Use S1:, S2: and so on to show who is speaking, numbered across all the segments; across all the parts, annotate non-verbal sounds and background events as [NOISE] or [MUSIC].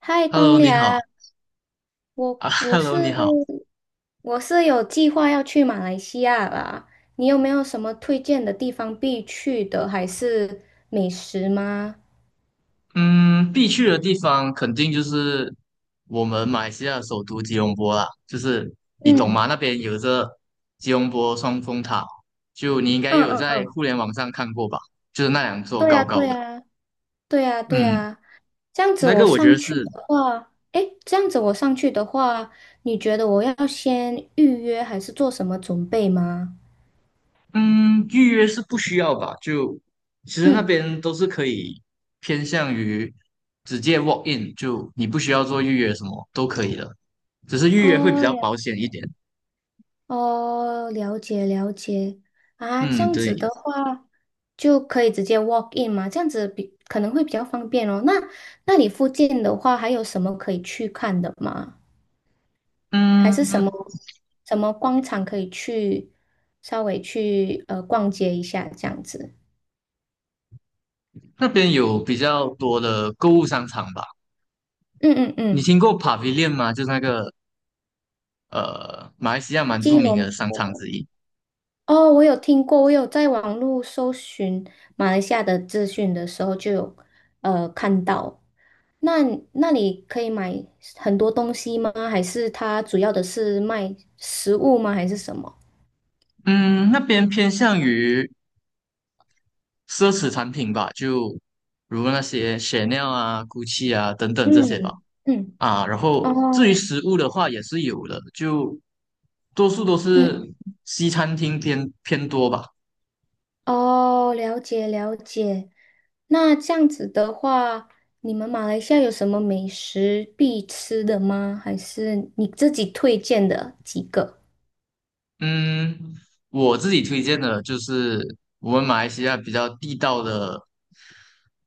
S1: 嗨，光
S2: Hello，你好
S1: 良，我
S2: 啊
S1: 我是
S2: ，Hello，你好。
S1: 我有计划要去马来西亚啦，你有没有什么推荐的地方必去的，还是美食吗？
S2: 嗯，必去的地方肯定就是我们马来西亚首都吉隆坡啦，就是你懂吗？
S1: 嗯
S2: 那边有着吉隆坡双峰塔，就你应该也
S1: 嗯
S2: 有
S1: 嗯
S2: 在
S1: 嗯，
S2: 互联网上看过吧？就是那两座
S1: 对
S2: 高
S1: 呀
S2: 高
S1: 对
S2: 的，
S1: 呀对呀对
S2: 嗯，
S1: 呀，这样子
S2: 那
S1: 我
S2: 个我觉
S1: 上
S2: 得
S1: 去
S2: 是，
S1: 的话，诶，这样子我上去的话，你觉得我要先预约还是做什么准备吗？
S2: 嗯，预约是不需要吧？就其实那
S1: 嗯，
S2: 边都是可以偏向于直接 walk in，就你不需要做预约什么都可以的，只是预约会比
S1: 哦，
S2: 较
S1: 了
S2: 保险一
S1: 解。
S2: 点。
S1: 哦，了解了解啊，这
S2: 嗯，
S1: 样子
S2: 对，
S1: 的话就可以直接 walk in 嘛，这样子比可能会比较方便哦。那你附近的话，还有什么可以去看的吗？还是什么
S2: 嗯，
S1: 什么广场可以去稍微去逛街一下这样子？
S2: 那边有比较多的购物商场吧？
S1: 嗯嗯
S2: 你
S1: 嗯，
S2: 听过 Pavilion 吗？就是那个马来西亚蛮著
S1: 吉
S2: 名的
S1: 隆
S2: 商场
S1: 坡。
S2: 之一。
S1: 哦，我有听过，我有在网络搜寻马来西亚的资讯的时候就有看到。那那里可以买很多东西吗？还是它主要的是卖食物吗？还是什么？
S2: 嗯，那边偏向于奢侈产品吧，就如那些 Chanel 啊、GUCCI 啊等等这些吧。
S1: 嗯嗯，
S2: 啊，然后至于
S1: 哦，
S2: 食物的话也是有的，就多数都是
S1: 嗯
S2: 西餐厅偏偏多吧。
S1: 哦，了解了解。那这样子的话，你们马来西亚有什么美食必吃的吗？还是你自己推荐的几个？
S2: 嗯，我自己推荐的就是我们马来西亚比较地道的，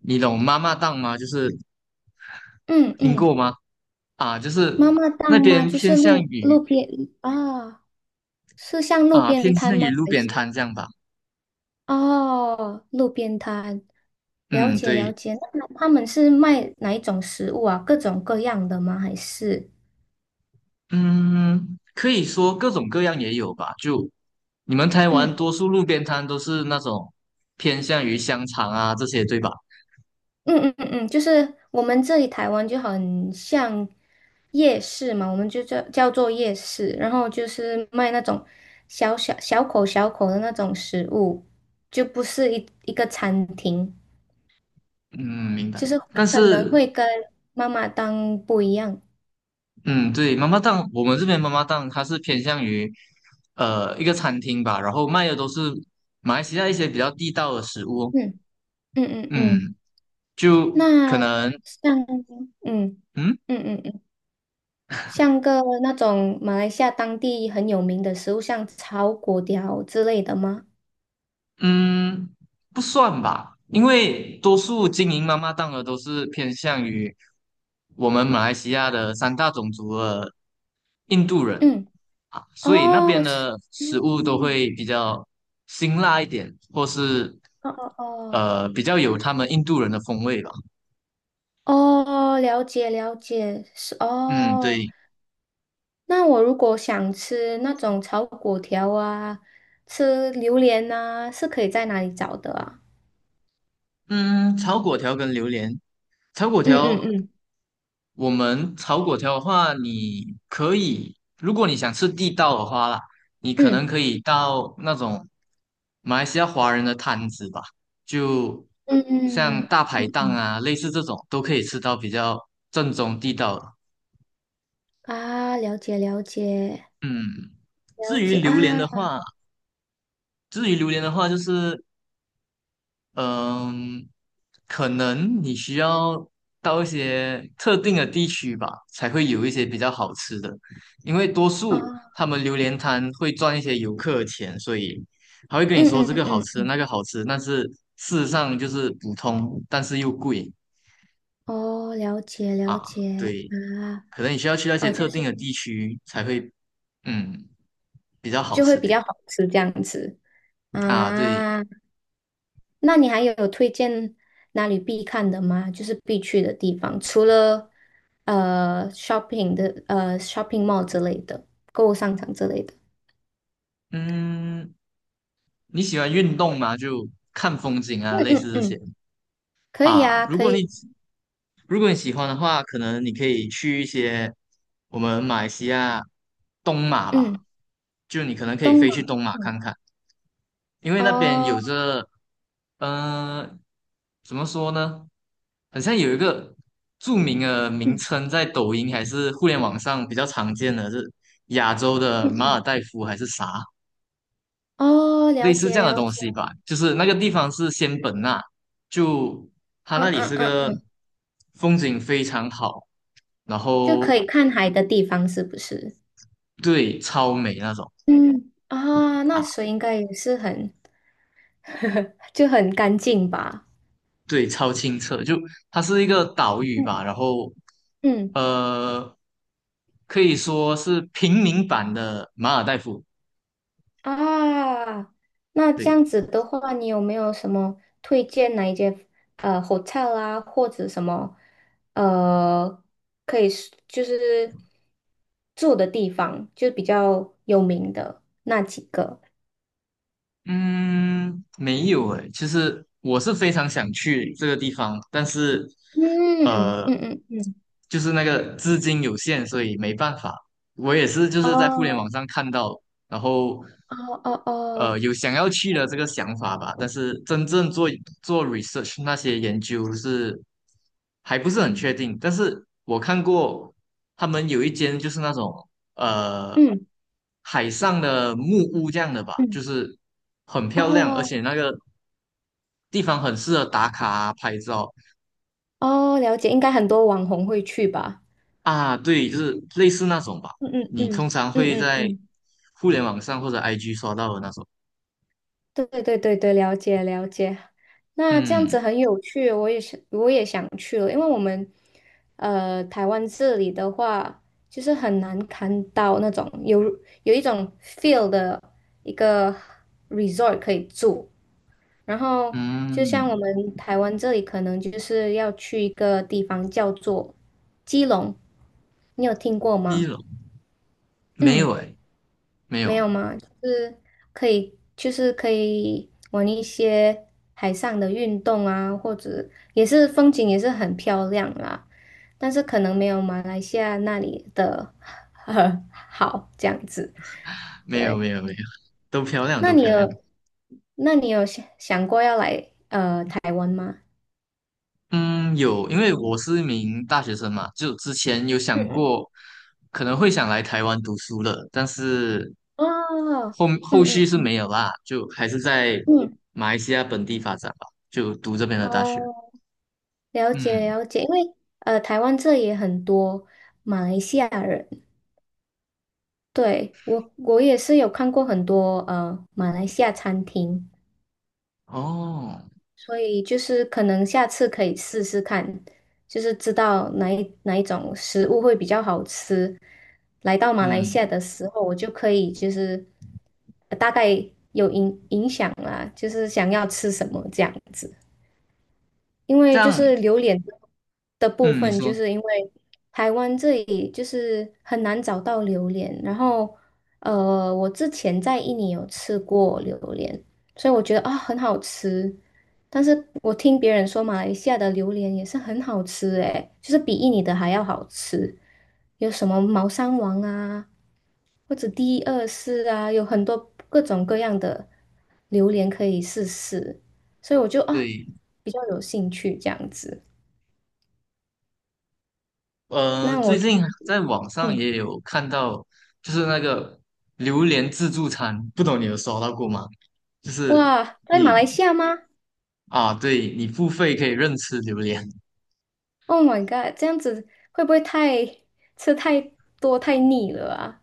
S2: 你懂妈妈档吗？就是
S1: 嗯
S2: 听
S1: 嗯。
S2: 过吗？啊，就
S1: 妈
S2: 是
S1: 妈档
S2: 那
S1: 吗？
S2: 边
S1: 就
S2: 偏
S1: 是
S2: 向
S1: 路
S2: 于
S1: 路边啊，是像路
S2: 啊，偏
S1: 边摊
S2: 向
S1: 吗？
S2: 于路
S1: 还
S2: 边
S1: 是
S2: 摊这样吧。
S1: 哦，路边摊？了
S2: 嗯，
S1: 解了
S2: 对，
S1: 解。那他们是卖哪一种食物啊？各种各样的吗？还是
S2: 嗯，可以说各种各样也有吧。就你们台湾
S1: 嗯
S2: 多数路边摊都是那种偏向于香肠啊这些，对吧？
S1: 嗯嗯嗯嗯，就是我们这里台湾就很像夜市嘛，我们就叫做夜市，然后就是卖那种小口小口的那种食物，就不是一个餐厅。
S2: 嗯，明
S1: 就
S2: 白。
S1: 是
S2: 但
S1: 可能
S2: 是
S1: 会跟妈妈档不一样。
S2: 嗯，对，妈妈档，我们这边妈妈档，它是偏向于一个餐厅吧，然后卖的都是马来西亚一些比较地道的食物。
S1: 嗯嗯嗯
S2: 嗯，
S1: 嗯，
S2: 就
S1: 那
S2: 可能
S1: 像嗯嗯
S2: 嗯。
S1: 嗯嗯，像个那种马来西亚当地很有名的食物，像炒粿条之类的吗？
S2: 嗯，不算吧，因为多数经营妈妈档的都是偏向于我们马来西亚的三大种族的印度人
S1: 嗯，
S2: 啊，所以那边
S1: 哦，是
S2: 的食物都
S1: 哦
S2: 会比较辛辣一点，或是
S1: 哦哦
S2: 比较有他们印度人的风味吧。
S1: 哦，哦，了解了解，是
S2: 嗯，
S1: 哦。
S2: 对，
S1: 那我如果想吃那种炒粿条啊，吃榴莲啊，是可以在哪里找的啊？
S2: 嗯，炒粿条跟榴莲，炒粿
S1: 嗯嗯
S2: 条。
S1: 嗯
S2: 我们炒粿条的话，你可以，如果你想吃地道的话啦，你可能
S1: 嗯。
S2: 可以到那种马来西亚华人的摊子吧，就
S1: 嗯
S2: 像
S1: 嗯
S2: 大排
S1: 嗯，
S2: 档
S1: 嗯
S2: 啊，类似这种都可以吃到比较正宗地道的。
S1: 啊，了解了解
S2: 嗯，
S1: 了
S2: 至于
S1: 解啊
S2: 榴莲的话，至于榴莲的话，就是嗯，可能你需要到一些特定的地区吧，才会有一些比较好吃的。因为多
S1: 哦，
S2: 数他们榴莲摊会赚一些游客的钱，所以他会跟你说
S1: 嗯
S2: 这个好
S1: 嗯
S2: 吃，
S1: 嗯，
S2: 那个好吃，但是事实上就是普通，但是又贵
S1: 哦，了解了
S2: 啊。
S1: 解
S2: 对，
S1: 啊，
S2: 可能你需要去那些
S1: 哦，就
S2: 特定
S1: 是
S2: 的地区才会，嗯，比较好
S1: 就会
S2: 吃
S1: 比较
S2: 点
S1: 好吃这样子
S2: 啊。对，
S1: 啊。那你还有推荐哪里必看的吗？就是必去的地方，除了shopping 的shopping mall 之类的购物商场之类的。
S2: 嗯，你喜欢运动吗？就看风景啊，
S1: 嗯
S2: 类
S1: 嗯
S2: 似这些。
S1: 嗯，可以
S2: 啊，
S1: 啊，
S2: 如
S1: 可
S2: 果
S1: 以，
S2: 你如果你喜欢的话，可能你可以去一些我们马来西亚东马
S1: 嗯，
S2: 吧，就你可能可以
S1: 东马，
S2: 飞去东马
S1: 嗯，
S2: 看看，因为那边
S1: 哦，
S2: 有着，嗯，怎么说呢？好像有一个著名的名
S1: 嗯
S2: 称，在抖音还是互联网上比较常见的是亚洲
S1: 嗯
S2: 的马尔
S1: 嗯。
S2: 代夫还是啥，
S1: 哦，
S2: 类
S1: 了
S2: 似
S1: 解
S2: 这样的
S1: 了
S2: 东
S1: 解，
S2: 西吧。就是那个地方是仙本那，就它
S1: 嗯
S2: 那里
S1: 嗯
S2: 是
S1: 嗯
S2: 个
S1: 嗯，
S2: 风景非常好。然
S1: 就可
S2: 后
S1: 以看海的地方是不是？
S2: 对，超美那种
S1: 嗯，啊，那
S2: 啊，
S1: 水应该也是很，[LAUGHS] 就很干净吧？
S2: 对，超清澈，就它是一个岛屿
S1: 嗯
S2: 吧，然后
S1: 嗯
S2: 呃，可以说是平民版的马尔代夫，
S1: 啊，那这样
S2: 对。
S1: 子的话，你有没有什么推荐哪一间hotel 啊，或者什么呃可以是就是住的地方，就比较有名的那几个？
S2: 嗯，没有诶，其实我是非常想去这个地方，但是
S1: 嗯
S2: 呃，
S1: 嗯嗯嗯，
S2: 就是那个资金有限，所以没办法。我也是就是在互联
S1: 哦。
S2: 网上看到，然后
S1: 哦哦哦，
S2: 有想要去的这个想法吧，但是真正做 research 那些研究是还不是很确定。但是我看过他们有一间就是那种。呃
S1: 嗯
S2: 海上的木屋这样的吧，
S1: 嗯，
S2: 就是很漂亮，而
S1: 哦
S2: 且那个地方很适合打卡啊拍照
S1: 哦，了解，应该很多网红会去吧？
S2: 啊。对，就是类似那种吧，
S1: 嗯嗯
S2: 你通
S1: 嗯
S2: 常
S1: 嗯
S2: 会
S1: 嗯
S2: 在
S1: 嗯。
S2: 互联网上或者 IG 刷到的那种。
S1: 对对对对，了解了解。那这样
S2: 嗯
S1: 子很有趣，我也是，我也想去了，因为我们台湾这里的话，就是很难看到那种有有一种 feel 的一个 resort 可以住。然后就像我
S2: 嗯，
S1: 们台湾这里，可能就是要去一个地方叫做基隆，你有听过
S2: 一
S1: 吗？
S2: 楼没有
S1: 嗯。
S2: 诶，没
S1: 没有
S2: 有
S1: 吗？就是可以，就是可以玩一些海上的运动啊，或者也是风景也是很漂亮啦，但是可能没有马来西亚那里的 [LAUGHS] 很好这样子。
S2: 没有
S1: 对，
S2: 没有没有，都漂亮
S1: 那
S2: 都
S1: 你
S2: 漂亮。
S1: 有，那你有想过要来台湾吗？
S2: 嗯，有，因为我是一名大学生嘛，就之前有
S1: 嗯
S2: 想
S1: 嗯，
S2: 过可能会想来台湾读书的，但是
S1: 哦，
S2: 后续
S1: 嗯
S2: 是
S1: 嗯
S2: 没有啦，就还是在
S1: 嗯，
S2: 马来西亚本地发展吧，就读这边的大学。
S1: 哦，了解
S2: 嗯，
S1: 了解，因为台湾这也很多马来西亚人。对，我也是有看过很多马来西亚餐厅，
S2: 哦，
S1: 所以就是可能下次可以试试看，就是知道哪一种食物会比较好吃。来到马来
S2: 嗯，
S1: 西亚的时候，我就可以就是大概有影响啦，就是想要吃什么这样子。因
S2: 这
S1: 为就
S2: 样，
S1: 是榴莲的部
S2: 嗯，你
S1: 分，就
S2: 说
S1: 是因为台湾这里就是很难找到榴莲，然后我之前在印尼有吃过榴莲，所以我觉得啊很好吃，但是我听别人说马来西亚的榴莲也是很好吃诶，就是比印尼的还要好吃，有什么猫山王啊，或者第二世啊，有很多各种各样的榴莲可以试试。所以我就啊
S2: 对，
S1: 比较有兴趣这样子。那我
S2: 最
S1: 就
S2: 近在网上
S1: 嗯，
S2: 也有看到，就是那个榴莲自助餐，不懂你有刷到过吗？就是
S1: 哇，在马来
S2: 你
S1: 西亚吗
S2: 啊，对，你付费可以任吃榴莲，
S1: ？Oh my god，这样子会不会太吃太多太腻了啊？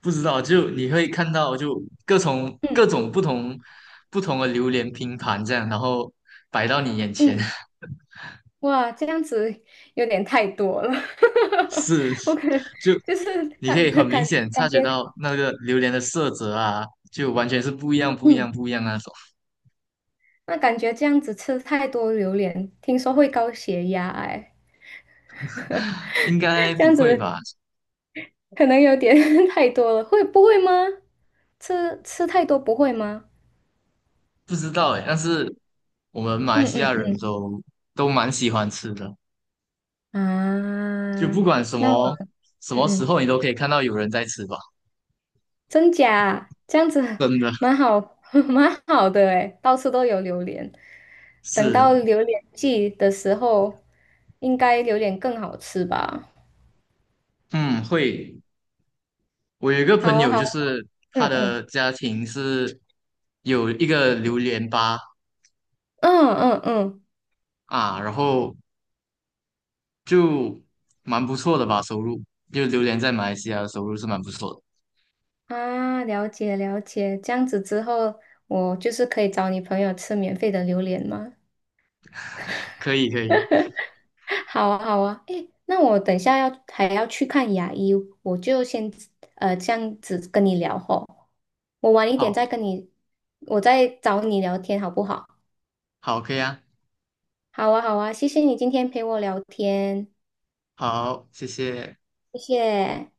S2: 不知道就你会看到就各种
S1: 嗯
S2: 各种不同的榴莲拼盘这样，然后摆到你眼前。
S1: 嗯，
S2: [LAUGHS]
S1: 哇，这样子有点太多了，
S2: 是，
S1: [LAUGHS] 我可能
S2: 就
S1: 就是
S2: 你可
S1: 感
S2: 以很明
S1: 感
S2: 显察
S1: 感
S2: 觉
S1: 觉，
S2: 到那个榴莲的色泽啊，就完全是不一样、不一
S1: 嗯，
S2: 样、不一样那种。
S1: 那感觉这样子吃太多榴莲，听说会高血压哎，
S2: [LAUGHS] 应该
S1: [LAUGHS] 这
S2: 不
S1: 样
S2: 会
S1: 子
S2: 吧？
S1: 可能有点 [LAUGHS] 太多了，会不会吗？吃太多不会吗？
S2: 不知道哎，但是我们马来
S1: 嗯
S2: 西亚
S1: 嗯
S2: 人
S1: 嗯
S2: 都蛮喜欢吃的，
S1: 啊，
S2: 就不管什
S1: 那我
S2: 么什么
S1: 嗯
S2: 时
S1: 嗯，
S2: 候，你都可以看到有人在吃吧。
S1: 真假啊这样子
S2: 真的
S1: 蛮好，[LAUGHS] 蛮好的诶，到处都有榴莲。等到
S2: 是，
S1: 榴莲季的时候，应该榴莲更好吃吧？
S2: 嗯，会。我有一个朋
S1: 好啊，
S2: 友，
S1: 好
S2: 就
S1: 啊，
S2: 是
S1: 嗯
S2: 他
S1: 嗯
S2: 的家庭是有一个榴莲吧
S1: 嗯嗯嗯
S2: 啊，然后就蛮不错的吧，收入就榴莲在马来西亚的收入是蛮不错的，
S1: 啊，了解了解，这样子之后，我就是可以找你朋友吃免费的榴莲吗？
S2: 可以可以，
S1: [LAUGHS] 好啊，好啊，诶，那我等一下要还要去看牙医，我就先这样子跟你聊吼，我晚一点
S2: 好，
S1: 再跟你，我再找你聊天好不好？
S2: 好，可以啊，
S1: 好啊，好啊，谢谢你今天陪我聊天，
S2: 好，谢谢。
S1: 谢谢。